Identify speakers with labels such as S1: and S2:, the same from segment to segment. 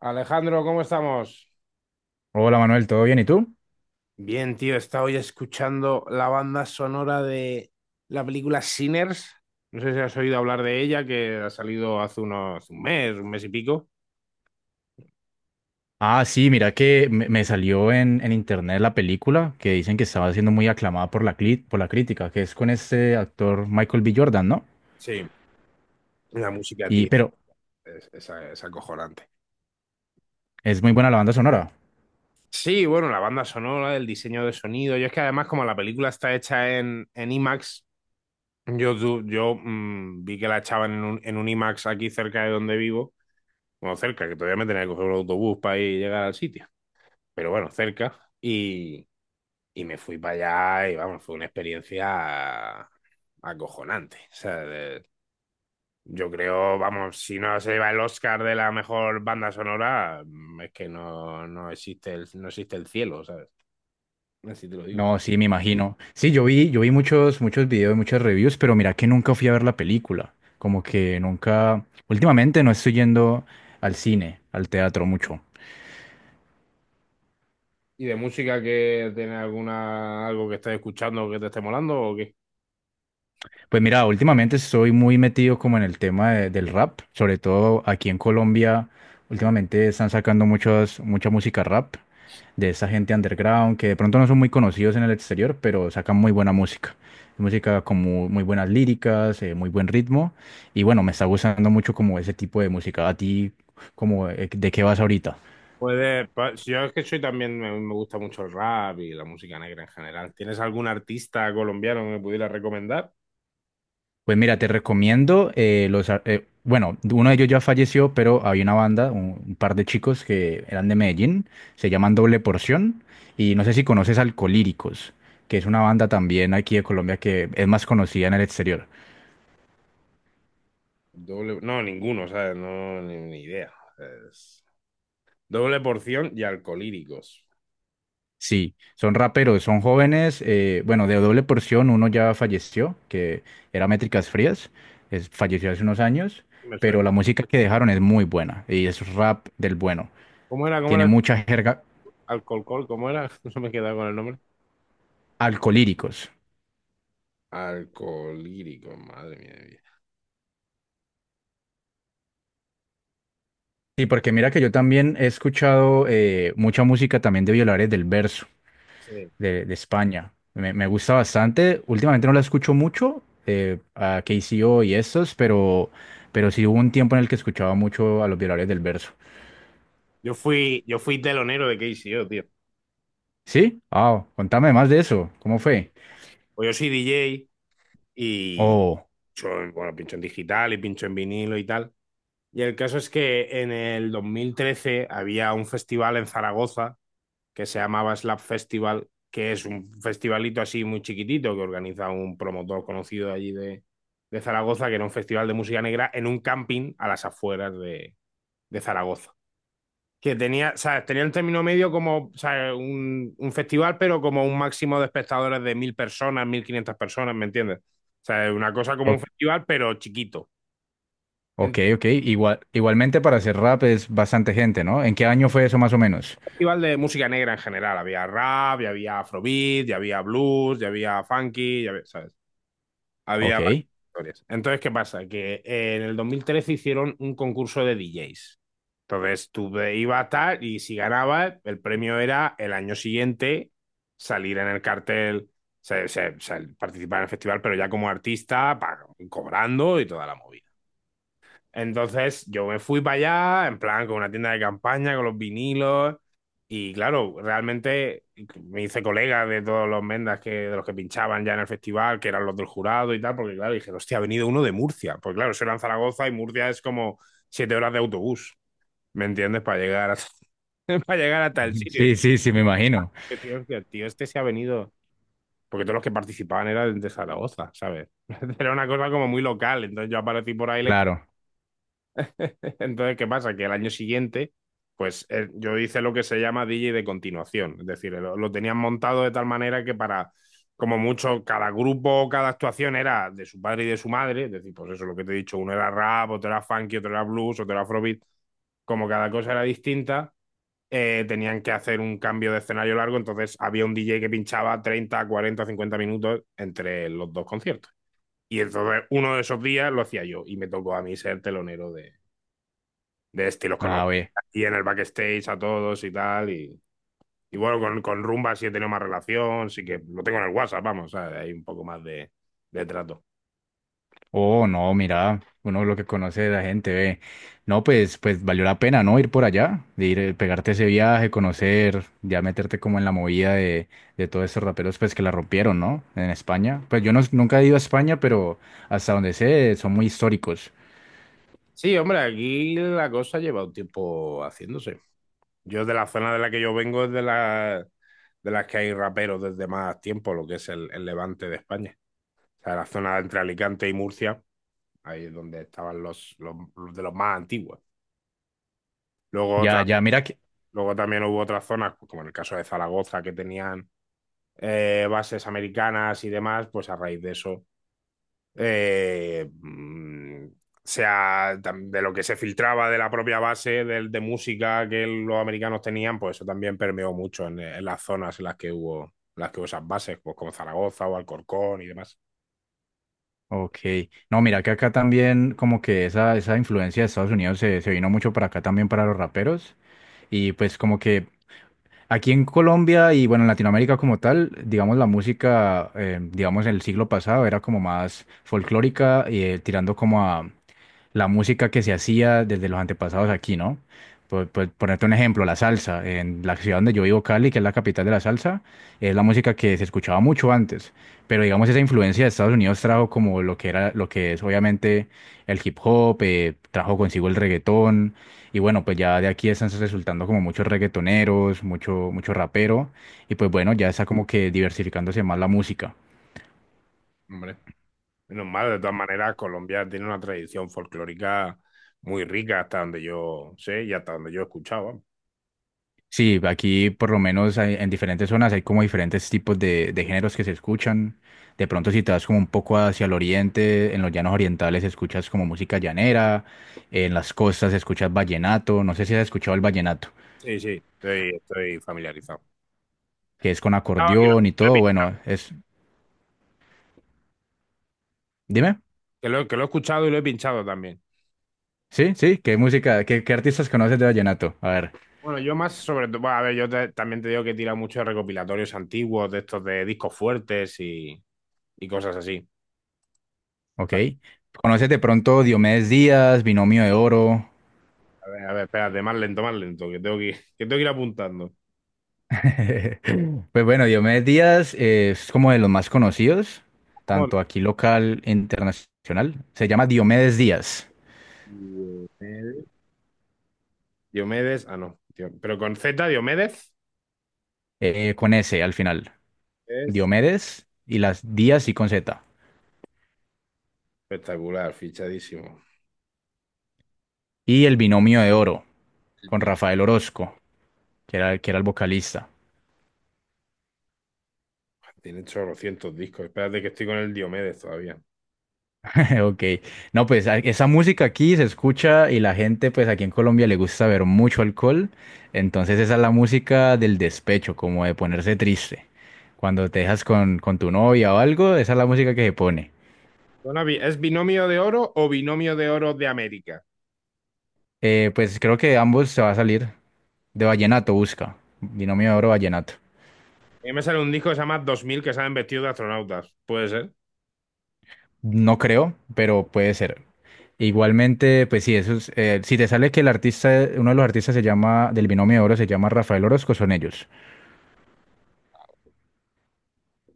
S1: Alejandro, ¿cómo estamos?
S2: Hola Manuel, ¿todo bien? ¿Y tú?
S1: Bien, tío, he estado hoy escuchando la banda sonora de la película Sinners. No sé si has oído hablar de ella, que ha salido hace unos un mes y pico.
S2: Ah, sí, mira que me salió en internet la película que dicen que estaba siendo muy aclamada por por la crítica, que es con este actor Michael B. Jordan, ¿no?
S1: Sí. La música,
S2: Y,
S1: tío,
S2: pero
S1: es acojonante.
S2: es muy buena la banda sonora.
S1: Sí, bueno, la banda sonora, el diseño de sonido. Yo es que además, como la película está hecha en IMAX, yo, tu- yo mm, vi que la echaban en un IMAX aquí cerca de donde vivo. Bueno, cerca, que todavía me tenía que coger un autobús para ir y llegar al sitio. Pero bueno, cerca. Y y me fui para allá y vamos, fue una experiencia acojonante. O sea, de- yo creo, vamos, si no se lleva el Oscar de la mejor banda sonora, es que no, no existe el, no existe el cielo, ¿sabes? Así te lo digo.
S2: No, sí, me imagino. Sí, yo vi muchos, muchos videos, muchas reviews, pero mira que nunca fui a ver la película. Como que nunca, últimamente no estoy yendo al cine, al teatro mucho.
S1: ¿Y de música que tiene alguna, algo que estés escuchando que te esté molando o qué?
S2: Pues mira, últimamente estoy muy metido como en el del rap, sobre todo aquí en Colombia. Últimamente están sacando muchas, mucha música rap de esa gente underground que de pronto no son muy conocidos en el exterior, pero sacan muy buena música. Música como muy buenas líricas, muy buen ritmo. Y bueno, me está gustando mucho como ese tipo de música. ¿A ti, como, de qué vas ahorita?
S1: Puede, pa- si yo es que soy también, me gusta mucho el rap y la música negra en general. ¿Tienes algún artista colombiano que me pudiera recomendar?
S2: Pues mira, te recomiendo bueno, uno de ellos ya falleció, pero había una banda, un par de chicos que eran de Medellín, se llaman Doble Porción, y no sé si conoces Alcolíricos, que es una banda también aquí de Colombia que es más conocida en el exterior.
S1: Doble, no, ninguno, ¿sabes? No, ni idea. Es doble porción y alcolíricos.
S2: Sí, son raperos, son jóvenes, bueno, de Doble Porción uno ya falleció, que era Métricas Frías, falleció hace unos años,
S1: Me suena.
S2: pero la música que dejaron es muy buena, y es rap del bueno,
S1: ¿Cómo era? ¿Cómo
S2: tiene
S1: era?
S2: mucha jerga
S1: Alcolcol, ¿cómo era? No me he quedado con el nombre.
S2: alcolíricos.
S1: Alcolíricos, madre mía. De vida.
S2: Sí, porque mira que yo también he escuchado mucha música también de Violares del Verso,
S1: Sí.
S2: de España. Me gusta bastante. Últimamente no la escucho mucho, a KCO y estos, pero sí hubo un tiempo en el que escuchaba mucho a los Violares del Verso.
S1: Yo fui telonero de KCO, tío.
S2: ¿Sí? Ah, contame más de eso. ¿Cómo fue?
S1: Pues yo soy DJ y
S2: Oh,
S1: bueno, pincho en digital y pincho en vinilo y tal. Y el caso es que en el 2013 había un festival en Zaragoza que se llamaba Slap Festival, que es un festivalito así muy chiquitito que organiza un promotor conocido de allí de Zaragoza, que era un festival de música negra en un camping a las afueras de Zaragoza. Que tenía, ¿sabes? Tenía un término medio como, ¿sabes? Un festival, pero como un máximo de espectadores de 1.000 personas, 1.500 personas, ¿me entiendes? O sea, una cosa como un
S2: o-
S1: festival, pero chiquito.
S2: ok,
S1: Entonces,
S2: ok. Igual, igualmente para hacer rap es bastante gente, ¿no? ¿En qué año fue eso más o menos?
S1: un festival de música negra en general. Había rap, ya había afrobeat, ya había blues, ya había funky, ya había, ¿sabes?
S2: Ok.
S1: Había varias historias. Entonces, ¿qué pasa? Que en el 2013 hicieron un concurso de DJs. Entonces, ibas a tal y si ganabas, el premio era el año siguiente salir en el cartel, o sea, participar en el festival, pero ya como artista, pa- cobrando y toda la movida. Entonces yo me fui para allá, en plan, con una tienda de campaña, con los vinilos, y claro, realmente me hice colega de todos los mendas que, de los que pinchaban ya en el festival, que eran los del jurado y tal, porque claro, dije, hostia, ha venido uno de Murcia, pues claro, eso era en Zaragoza y Murcia es como 7 horas de autobús, ¿me entiendes? Para llegar hasta el
S2: Ujú.
S1: sitio.
S2: Sí, sí, sí, me imagino.
S1: Y dije, hostia, tío, este se ha venido, porque todos los que participaban eran de Zaragoza, ¿sabes? Era una cosa como muy local, entonces yo aparecí por ahí, les.
S2: Claro.
S1: Entonces, ¿qué pasa? Que el año siguiente, pues yo hice lo que se llama DJ de continuación. Es decir, lo tenían montado de tal manera que para, como mucho, cada grupo, cada actuación era de su padre y de su madre. Es decir, pues eso, lo que te he dicho, uno era rap, otro era funky, otro era blues, otro era afrobeat. Como cada cosa era distinta, tenían que hacer un cambio de escenario largo. Entonces había un DJ que pinchaba 30 40 50 minutos entre los dos conciertos. Y entonces uno de esos días lo hacía yo y me tocó a mí ser telonero de este, y los conocí
S2: Ah,
S1: aquí en el backstage a todos y tal. Y y bueno, con Rumba sí he tenido más relación, sí que lo tengo en el WhatsApp, vamos, ¿sabes? Hay un poco más de trato.
S2: Oh, no, mira, uno lo que conoce de la gente, ve. No, pues, pues valió la pena, ¿no? Ir por allá, de ir, pegarte ese viaje, conocer, ya meterte como en la movida de todos estos raperos, pues que la rompieron, ¿no? En España. Pues yo no, nunca he ido a España, pero hasta donde sé, son muy históricos.
S1: Sí, hombre, aquí la cosa lleva un tiempo haciéndose. Yo de la zona de la que yo vengo es de, la, de las que hay raperos desde más tiempo, lo que es el levante de España. O sea, la zona entre Alicante y Murcia, ahí es donde estaban los, los de los más antiguos. Luego, otra,
S2: Ya, ya, mira que.
S1: luego también hubo otras zonas, pues como en el caso de Zaragoza, que tenían bases americanas y demás, pues a raíz de eso, eh, mm, sea tam- de lo que se filtraba de la propia base de música que los americanos tenían, pues eso también permeó mucho en las zonas en las que hubo esas bases, pues como Zaragoza o Alcorcón y demás.
S2: Ok. No, mira que acá también, como que esa influencia de Estados Unidos se vino mucho para acá también para los raperos. Y pues como que, aquí en Colombia y bueno, en Latinoamérica como tal, digamos, la música, digamos, en el siglo pasado era como más folclórica y tirando como la música que se hacía desde los antepasados aquí, ¿no? Por ponerte un ejemplo, la salsa. En la ciudad donde yo vivo, Cali, que es la capital de la salsa, es la música que se escuchaba mucho antes. Pero digamos, esa influencia de Estados Unidos trajo como lo que era, lo que es obviamente el hip hop, trajo consigo el reggaetón. Y bueno, pues ya de aquí están resultando como muchos reggaetoneros, mucho, mucho rapero. Y pues bueno, ya está como que diversificándose más la música.
S1: Hombre, menos mal, de todas maneras, Colombia tiene una tradición folclórica muy rica hasta donde yo sé y hasta donde yo he escuchaba.
S2: Sí, aquí por lo menos en diferentes zonas hay como diferentes tipos de géneros que se escuchan. De pronto si te vas como un poco hacia el oriente, en los llanos orientales escuchas como música llanera, en las costas escuchas vallenato, no sé si has escuchado el vallenato,
S1: Sí, sí, estoy familiarizado.
S2: que es con
S1: No, y lo-
S2: acordeón y todo, bueno, es... Dime,
S1: que lo, que lo he escuchado y lo he pinchado también.
S2: sí, sí, ¿qué música, qué artistas conoces de vallenato? A ver,
S1: Bueno, yo más sobre todo, bueno, a ver, yo te- también te digo que tira mucho de recopilatorios antiguos, de estos de discos fuertes y cosas así. O
S2: ok.
S1: sea,
S2: ¿Conoces de pronto Diomedes Díaz, Binomio de Oro?
S1: a ver, espérate, más lento, que tengo que ir, que tengo que ir apuntando.
S2: Pues bueno, Diomedes Díaz es como de los más conocidos,
S1: ¿Cómo?
S2: tanto aquí local e internacional. Se llama Diomedes Díaz,
S1: Diomedes, Diomedes- ah, no, Dio- pero con Z, Diomedes
S2: con S al final.
S1: es
S2: Diomedes y las Díaz y con Z.
S1: espectacular, fichadísimo.
S2: Y el binomio de oro,
S1: El
S2: con
S1: bi-
S2: Rafael Orozco, que era el vocalista.
S1: tiene 800 discos, espérate que estoy con el Diomedes todavía.
S2: Ok, no, esa música aquí se escucha y la gente, pues aquí en Colombia le gusta ver mucho alcohol, entonces esa es la música del despecho, como de ponerse triste. Cuando te dejas con tu novia o algo, esa es la música que se pone.
S1: Bueno, bi- ¿es binomio de oro o binomio de oro de América?
S2: Pues creo que ambos se va a salir de vallenato, busca, binomio de oro vallenato.
S1: A mí me sale un disco que se llama Dos Mil que salen vestidos de astronautas. ¿Puede ser?
S2: No creo, pero puede ser. Igualmente, pues sí, eso es, si te sale que el artista, uno de los artistas se llama, del binomio de oro se llama Rafael Orozco, son ellos.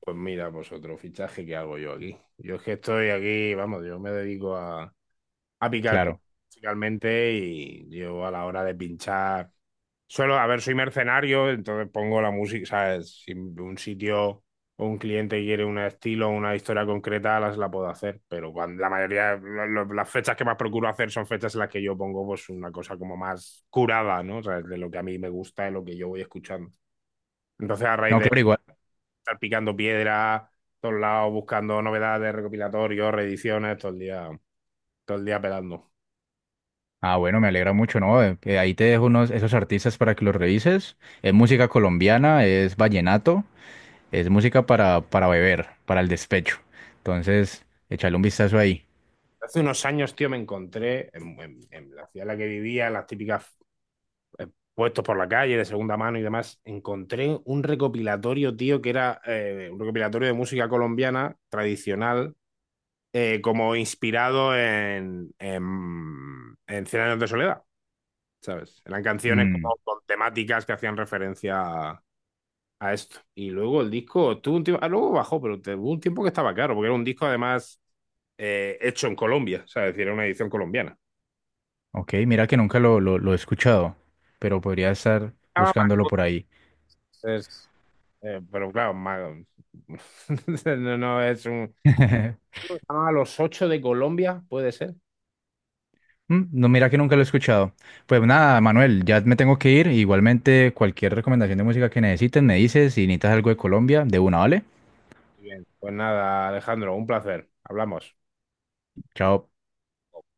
S1: Pues mira, pues otro fichaje que hago yo aquí. Yo es que estoy aquí, vamos, yo me dedico a, a picar pi-
S2: Claro.
S1: principalmente y yo a la hora de pinchar, suelo, a ver, soy mercenario, entonces pongo la música, ¿sabes? Si un sitio o un cliente quiere un estilo o una historia concreta, las la puedo hacer, pero cuando, la mayoría, las fechas que más procuro hacer son fechas en las que yo pongo pues una cosa como más curada, ¿no? O sea, de lo que a mí me gusta, de lo que yo voy escuchando. Entonces, a raíz
S2: No,
S1: de
S2: claro, igual.
S1: estar picando piedra, todos lados, buscando novedades, recopilatorios, reediciones, todo el día pelando.
S2: Ah, bueno, me alegra mucho, ¿no? Ahí te dejo unos, esos artistas para que los revises. Es música colombiana, es vallenato, es música para beber, para el despecho. Entonces, échale un vistazo ahí.
S1: Hace unos años, tío, me encontré en la ciudad en la que vivía, en las típicas eh, puestos por la calle de segunda mano y demás, encontré un recopilatorio, tío, que era un recopilatorio de música colombiana tradicional, como inspirado en 100 años de soledad, ¿sabes? Eran canciones
S2: Mm,
S1: como con temáticas que hacían referencia a esto. Y luego el disco tuvo un tiempo, ah, luego bajó, pero tuvo un tiempo que estaba caro, porque era un disco además hecho en Colombia, o sea, es decir, era una edición colombiana.
S2: ok, mira que nunca lo he escuchado, pero podría estar
S1: Estaba
S2: buscándolo
S1: Macondo,
S2: por ahí.
S1: es- pero claro, ma- no, no, es un... A los ocho de Colombia, puede ser.
S2: Mm, no, mira que nunca lo he escuchado. Pues nada, Manuel, ya me tengo que ir. Igualmente, cualquier recomendación de música que necesites, me dices. Si necesitas algo de Colombia, de una, ¿vale?
S1: Muy bien. Pues nada, Alejandro, un placer. Hablamos.
S2: Chao.